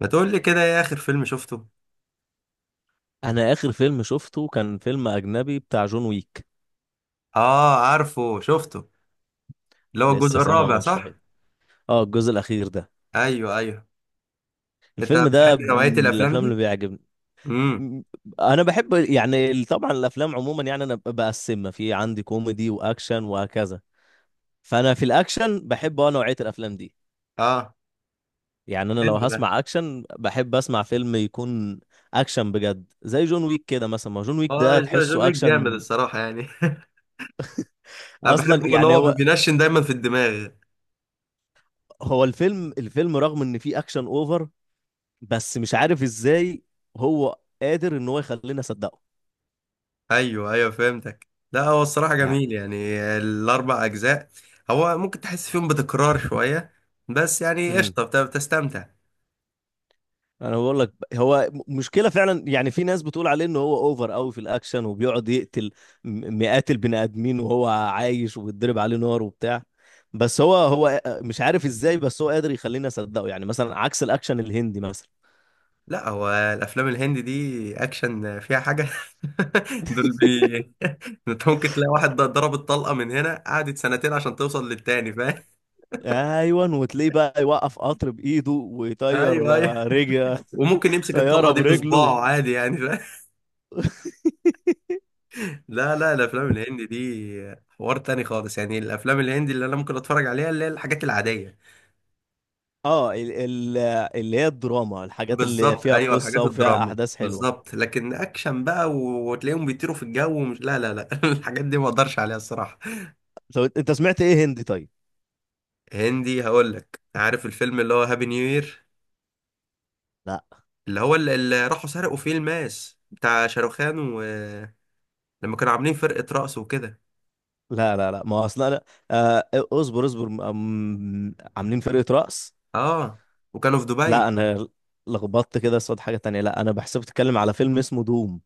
ما تقول لي كده، ايه اخر فيلم شفته؟ انا اخر فيلم شفته كان فيلم اجنبي بتاع جون ويك. اه، عارفه شفته. اللي هو الجزء لسه سامعه الرابع، من صح؟ شويه. اه، الجزء الاخير ده. ايوه، ايوه. انت الفيلم بتحب ده نوعية من الافلام الافلام اللي دي؟ بيعجبني. امم. م- انا بحب طبعا الافلام عموما، يعني انا بقسمها في عندي كوميدي واكشن وهكذا. فانا في الاكشن بحب نوعيه الافلام دي. اه. يعني انا لو حلو ده. هسمع اكشن بحب اسمع فيلم يكون اكشن بجد، زي جون ويك كده. مثلا ما جون ويك اه، ده جون تحسه ويك جامد، اكشن الصراحة يعني. انا اصلا. بحبه ان يعني هو هو بينشن دايما في الدماغ. هو الفيلم رغم ان فيه اكشن اوفر، بس مش عارف ازاي هو قادر ان هو يخلينا نصدقه ايوه، ايوه، فهمتك. لا هو الصراحة يعني. جميل، يعني الاربع اجزاء. هو ممكن تحس فيهم بتكرار شوية، بس يعني امم قشطة بتستمتع. انا بقول لك هو مشكله فعلا. يعني في ناس بتقول عليه ان هو اوفر قوي في الاكشن، وبيقعد يقتل مئات البني ادمين وهو عايش وبيتضرب عليه نار وبتاع. بس هو مش عارف ازاي، بس هو قادر يخلينا نصدقه، يعني مثلا عكس الاكشن الهندي مثلا. لا، هو الافلام الهندي دي اكشن فيها حاجه. دول بي. انت ممكن تلاقي واحد ضرب الطلقه من هنا قعدت سنتين عشان توصل للتاني، فاهم؟ ايوه، وتلاقيه بقى يوقف قطر بايده ايوه، ويطير ايوه، رجل. وممكن يمسك الطلقه طياره دي برجله. بصباعه عادي يعني، فاهم؟ لا، لا، الافلام الهندي دي حوار تاني خالص. يعني الافلام الهندي اللي انا ممكن اتفرج عليها اللي هي الحاجات العاديه. اه، ال اللي هي الدراما، الحاجات اللي بالظبط، فيها ايوه، قصة الحاجات وفيها الدراما أحداث حلوة. بالظبط، لكن اكشن بقى وتلاقيهم بيطيروا في الجو ومش، لا، لا، لا، الحاجات دي ما اقدرش عليها الصراحه. طب انت سمعت ايه هندي طيب؟ هندي؟ هقول لك، عارف الفيلم اللي هو هابي نيو يير؟ لا اللي هو اللي راحوا سرقوا فيه الماس بتاع شاروخان، ولما كانوا عاملين فرقة رقص وكده. لا لا لا ما هو اصلا لا. آه اصبر، عاملين فرقة رقص. اه، وكانوا في لا دبي. انا لخبطت كده، صوت حاجة تانية، لا انا بحسب بتتكلم على فيلم اسمه دوم.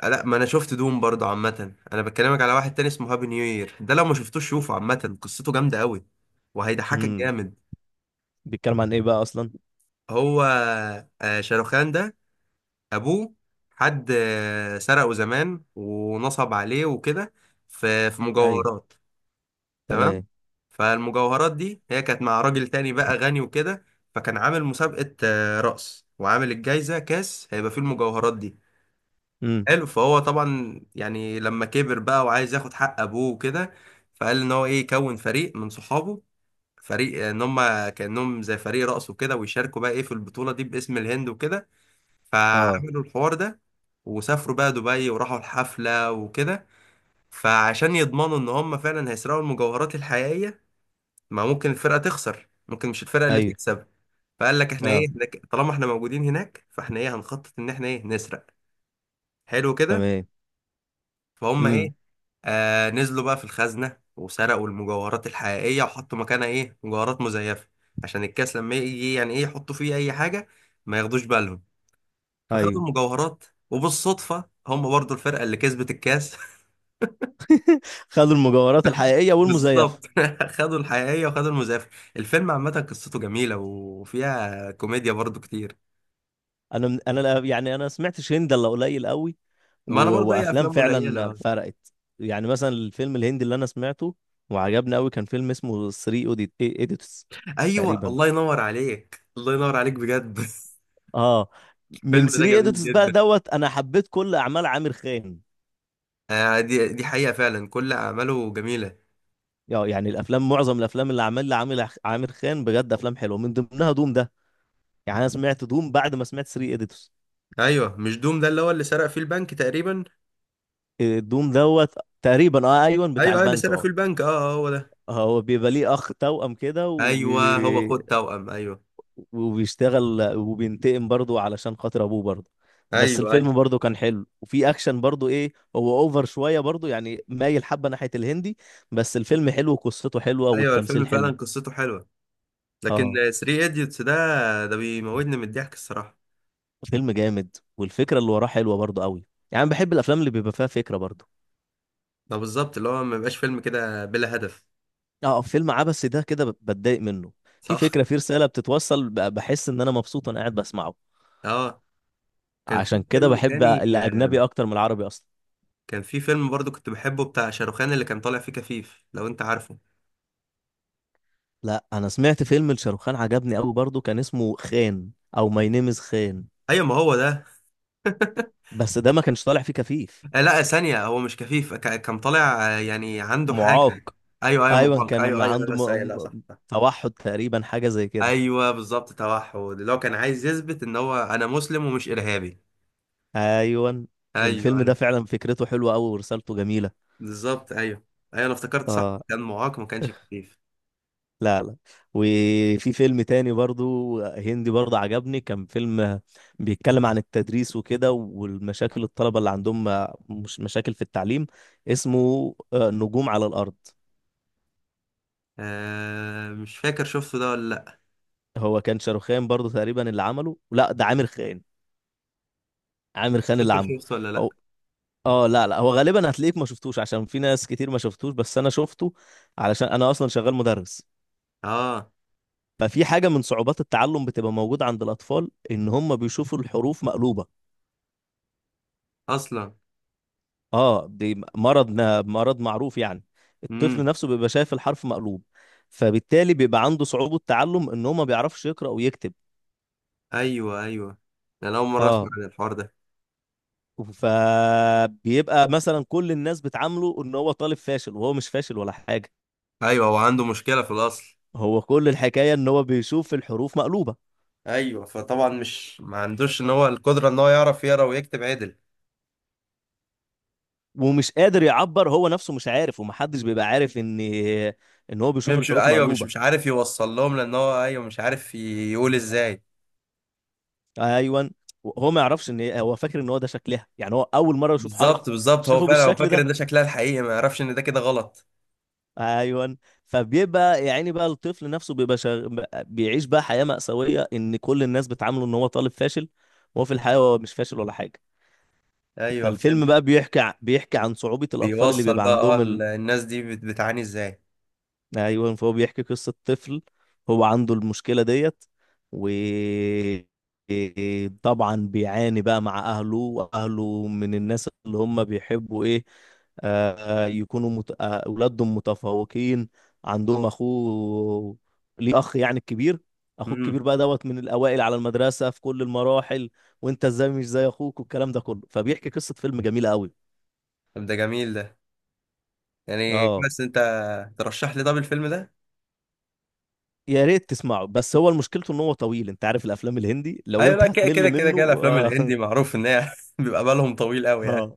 آه، لا، ما انا شفت دوم برضه. عامة انا بكلمك على واحد تاني اسمه هابي نيو يير، ده لو ما شفتوش شوفه، عامة قصته جامدة قوي وهيضحكك امم جامد. بيتكلم عن ايه بقى اصلا؟ هو، آه، شاروخان ده، ابوه حد سرقه زمان ونصب عليه وكده، في ايوه. مجوهرات. تمام. تمام. فالمجوهرات دي هي كانت مع راجل تاني بقى غني وكده، فكان عامل مسابقة رقص وعامل الجايزة كاس هيبقى فيه المجوهرات دي. امم. حلو. فهو طبعا يعني لما كبر بقى وعايز ياخد حق ابوه وكده، فقال ان هو ايه يكون فريق من صحابه. فريق ان هم كانهم زي فريق رقص وكده، ويشاركوا بقى ايه في البطولة دي باسم الهند وكده. اه، فعملوا الحوار ده، وسافروا بقى دبي وراحوا الحفلة وكده. فعشان يضمنوا ان هم فعلا هيسرقوا المجوهرات الحقيقية، ما ممكن الفرقة تخسر، ممكن مش الفرقة اللي ايوه. تكسب. فقال لك احنا اه. ايه، احنا طالما احنا موجودين هناك فاحنا ايه هنخطط ان احنا ايه نسرق. حلو كده. تمام. فهم امم. ايه، آه، نزلوا بقى في الخزنة وسرقوا المجوهرات الحقيقية وحطوا مكانها ايه مجوهرات مزيفة، عشان الكاس لما يجي يعني ايه يحطوا فيه اي حاجة، ما ياخدوش بالهم. فخدوا ايوه. المجوهرات، وبالصدفة هم برضو الفرقة اللي كسبت الكاس. خدوا المجوهرات الحقيقية والمزيفة. بالظبط، خدوا الحقيقية وخدوا المزيفة. الفيلم عامة قصته جميلة وفيها كوميديا برضو كتير. انا من- انا لا- يعني انا سمعتش هند الا قليل قوي. و... ما انا برضه اي وافلام افلام فعلا قليله. فرقت. يعني مثلا الفيلم الهندي اللي انا سمعته وعجبني قوي كان فيلم اسمه 3 اوديت ايديتس ايوه، تقريبا. الله ينور عليك، الله ينور عليك بجد. اه، من الفيلم ده 3 جميل ايديتس بقى جدا. دوت انا حبيت كل اعمال عامر خان. آه، دي حقيقه فعلا كل اعماله جميله. يعني معظم الافلام اللي عملها عامر خان بجد افلام حلوه، من ضمنها دوم ده. يعني انا سمعت دوم بعد ما سمعت 3 ايديتس. ايوه، مش دوم ده اللي هو اللي سرق فيه البنك تقريبا؟ آه، دوم دوت. تقريبا اه ايوه، بتاع ايوه، ايوه، اللي البنك سرق فيه اه. البنك، اه، آه، هو ده. هو بيبقى ليه اخ توأم كده ايوه، هو خد توأم، ايوه. وبيشتغل وبينتقم برضه علشان خاطر ابوه برضه. بس ايوه، الفيلم ايوه. برضه كان حلو، وفي اكشن برضه، ايه هو اوفر شويه برضه يعني، مايل حبه ناحيه الهندي. بس الفيلم حلو وقصته حلوه ايوه، الفيلم والتمثيل فعلا حلو. قصته حلوه، لكن اه، 3 ايديوتس ده، ده بيموتني من الضحك الصراحه. فيلم جامد والفكره اللي وراه حلوه برضه قوي. يعني أنا بحب الافلام اللي بيبقى فيها فكره برضه. ده بالظبط اللي هو ما بيبقاش فيلم كده بلا هدف. اه، فيلم عبثي ده كده بتضايق منه. في صح. فكره، في رساله بتتوصل، بحس ان انا مبسوط وانا قاعد بسمعه. اه، كان في عشان كده فيلم بحب تاني. آه، الاجنبي اكتر من العربي اصلا. كان في فيلم برضو كنت بحبه بتاع شاروخان، اللي كان طالع فيه كفيف، لو انت عارفه. لا انا سمعت فيلم لشاروخان عجبني قوي برضو، كان اسمه خان او ماي نيم از خان. ايوه، ما هو ده. بس ده ما كانش طالع فيه كفيف. آه، لا، ثانية، هو مش كفيف كان طالع، يعني عنده حاجة. معاق. ايوه، ايوه، ايوه، محاك، كان ايوه، ايوه، ايوه، عنده بس ايوه، لا، صح، صح. توحد تقريبا، حاجه زي كده. ايوه، بالظبط، توحد، اللي هو كان عايز يثبت ان هو انا مسلم ومش ارهابي. ايوه. ايوه، الفيلم ده ايوه. فعلا فكرته حلوه قوي ورسالته جميله. بالظبط، ايوه، ايوه، انا افتكرت، صح، اه. كان معاق ما كانش كفيف. لا لا. وفي فيلم تاني برضو هندي برضو عجبني، كان فيلم بيتكلم عن التدريس وكده والمشاكل الطلبة اللي عندهم، مش مشاكل في التعليم. اسمه نجوم على الأرض. آه، مش فاكر شفته ده ولا لا. هو كان شاروخان برضو تقريبا اللي عمله، لا ده عامر خان. عامر خان اللي فاكر عمله. شفته ولا لا؟ هو اه، لا لا، هو غالبا هتلاقيك ما شفتوش، عشان في ناس كتير ما شفتوش، بس انا شفته علشان انا اصلا شغال مدرس. اه، ففي حاجة من صعوبات التعلم بتبقى موجودة عند الأطفال، إن هم بيشوفوا الحروف مقلوبة. اصلا. اه، دي مرض، مرض معروف يعني. الطفل امم. نفسه بيبقى شايف الحرف مقلوب، فبالتالي بيبقى عنده صعوبة تعلم، إن هو ما بيعرفش يقرأ ويكتب. ايوه، ايوه، انا اول مره اه. اسمع عن الحوار ده. فبيبقى مثلا كل الناس بتعامله ان هو طالب فاشل، وهو مش فاشل ولا حاجه. ايوه، هو عنده مشكله في الاصل. هو كل الحكايه ان هو بيشوف الحروف مقلوبه، ايوه، فطبعا مش ما عندوش ان هو القدره ان هو يعرف يقرا ويكتب عدل. ومش قادر يعبر، هو نفسه مش عارف، ومحدش بيبقى عارف ان هو بيشوف مش، الحروف ايوه، مش مقلوبه. مش عارف يوصل لهم لان هو ايوه مش عارف يقول ازاي. ايوه. هو ما يعرفش، ان هو فاكر ان هو ده شكلها، يعني هو اول مره يشوف حرف بالظبط، بالظبط، هو شافه فعلا هو بالشكل فاكر ان ده. ده شكلها الحقيقي، ما يعرفش ان ده كده غلط. ايوه. فبيبقى يعني بقى الطفل نفسه بيعيش بقى حياه مأساويه، ان كل الناس بتعامله ان هو طالب فاشل، وهو في الحقيقه هو مش فاشل ولا حاجه. ايوه، فاهم. فالفيلم بقى بيحكي عن صعوبة الأطفال اللي بيوصل بيبقى بقى، اه، عندهم الناس دي بتعاني ازاي. أيوة. فهو بيحكي قصة طفل هو عنده المشكلة ديت، و طبعا بيعاني بقى مع أهله، وأهله من الناس اللي هم بيحبوا إيه، آه، أولادهم متفوقين. عندهم أخوه، ليه أخ يعني الكبير. أخوه امم. الكبير بقى دوت من الأوائل على المدرسة في كل المراحل. وأنت إزاي مش زي أخوك، والكلام ده كله. فبيحكي قصة فيلم جميلة أوي. طب ده جميل ده، يعني اه. بس انت ترشح لي طب الفيلم ده. يا ريت تسمعه، بس هو مشكلته ان هو طويل. انت عارف الافلام الهندي، لو ايوه، انت لا، كده كده هتمل كده منه كده الافلام اه, الهندي معروف ان هي بيبقى بالهم طويل قوي يعني. آه.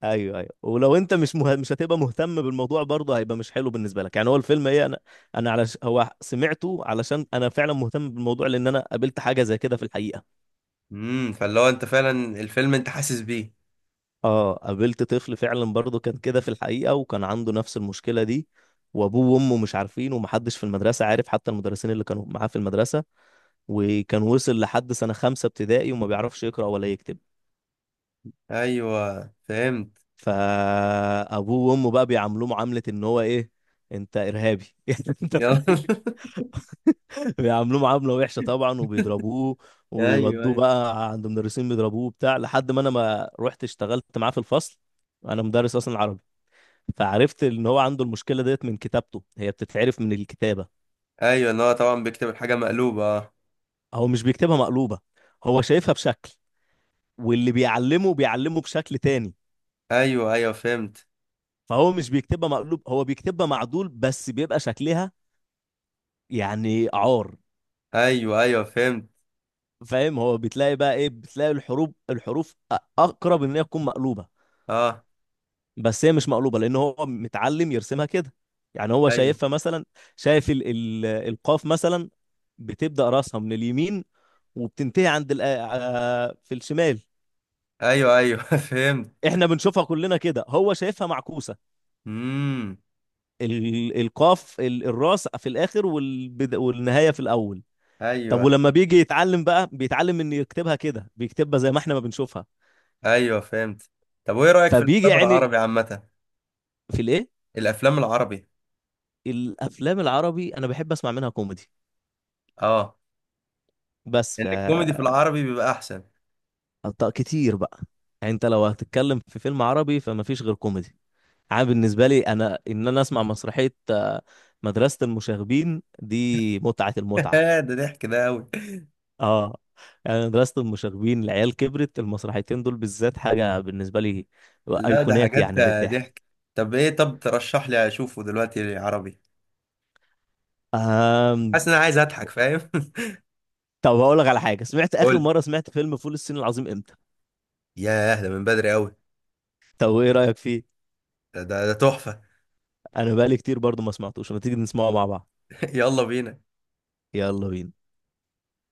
ايوه ايوه، ولو انت مش هتبقى مهتم بالموضوع برضه، هيبقى مش حلو بالنسبه لك يعني. هو الفيلم ايه، انا على هو سمعته علشان انا فعلا مهتم بالموضوع، لان انا قابلت حاجه زي كده في الحقيقه. امم، فاللي هو انت فعلا الفيلم انت حاسس بيه. اه، قابلت طفل فعلا برضه كان كده في الحقيقه، وكان عنده نفس المشكله دي. وابوه وامه مش عارفين، ومحدش في المدرسه عارف، حتى المدرسين اللي كانوا معاه في المدرسه. وكان وصل لحد سنه خمسه ابتدائي وما بيعرفش يقرا ولا يكتب. ايوه، فهمت. فابوه وامه بقى بيعاملوه معامله ان هو ايه، انت ارهابي يعني انت. يلا. بيعاملوه معامله وحشه طبعا وبيضربوه، ايوه، ويودوه ايوه، بقى عند مدرسين بيضربوه بتاع، لحد ما انا ما رحت اشتغلت معاه في الفصل. انا مدرس اصلا عربي، فعرفت ان هو عنده المشكله ديت من كتابته، هي بتتعرف من الكتابه. ايوه، ان هو طبعا بيكتب الحاجه مقلوبه، اه. هو مش بيكتبها مقلوبه، هو شايفها بشكل واللي بيعلمه بيعلمه بشكل تاني. ايوه، ايوه، فهمت. فهو مش بيكتبها مقلوب، هو بيكتبها معدول، بس بيبقى شكلها يعني ايوه، ايوه، فهمت. فاهم. هو بتلاقي بقى ايه، بتلاقي الحروف اقرب ان هي تكون مقلوبه، اه، بس هي مش مقلوبه لان هو متعلم يرسمها كده. يعني هو ايوه، شايفها مثلا، شايف ال القاف مثلا بتبدا راسها من اليمين، وبتنتهي عند ال في الشمال. ايوه، ايوه، فهمت. احنا بنشوفها كلنا كده، هو شايفها معكوسه. امم، ال القاف الراس في الاخر، والبد والنهايه في الاول. طب ايوه، ولما بيجي يتعلم بقى، بيتعلم ان يكتبها كده، بيكتبها زي ما احنا ما بنشوفها. ايوه، فهمت. طب وايه رايك في فبيجي الافلام يعني العربي عامه؟ في الايه، الافلام العربي؟ الافلام العربي انا بحب اسمع منها كوميدي. اه، بس ان ف الكوميدي في العربي بيبقى احسن. كتير بقى. يعني انت لو هتتكلم في فيلم عربي فما فيش غير كوميدي. عام بالنسبه لي انا، ان انا اسمع مسرحيه مدرسه المشاغبين دي متعه المتعه. ده ضحك، ده قوي. اه. يعني مدرسه المشاغبين، العيال كبرت، المسرحيتين دول بالذات حاجه بالنسبه لي، لا ده ايقونات حاجات. يعني للضحك. ضحك. طب ايه، طب ترشح لي اشوفه دلوقتي عربي، آم... حاسس ان انا عايز اضحك، فاهم؟ طب هقول لك على حاجه، سمعت اخر قول. مره سمعت فيلم فول الصين العظيم امتى؟ ياه، ده من بدري قوي. طب ايه رايك فيه؟ ده تحفه. انا بقالي كتير برضو ما سمعتوش، ما تيجي نسمعه مع بعض. يلا بينا. يلا بينا.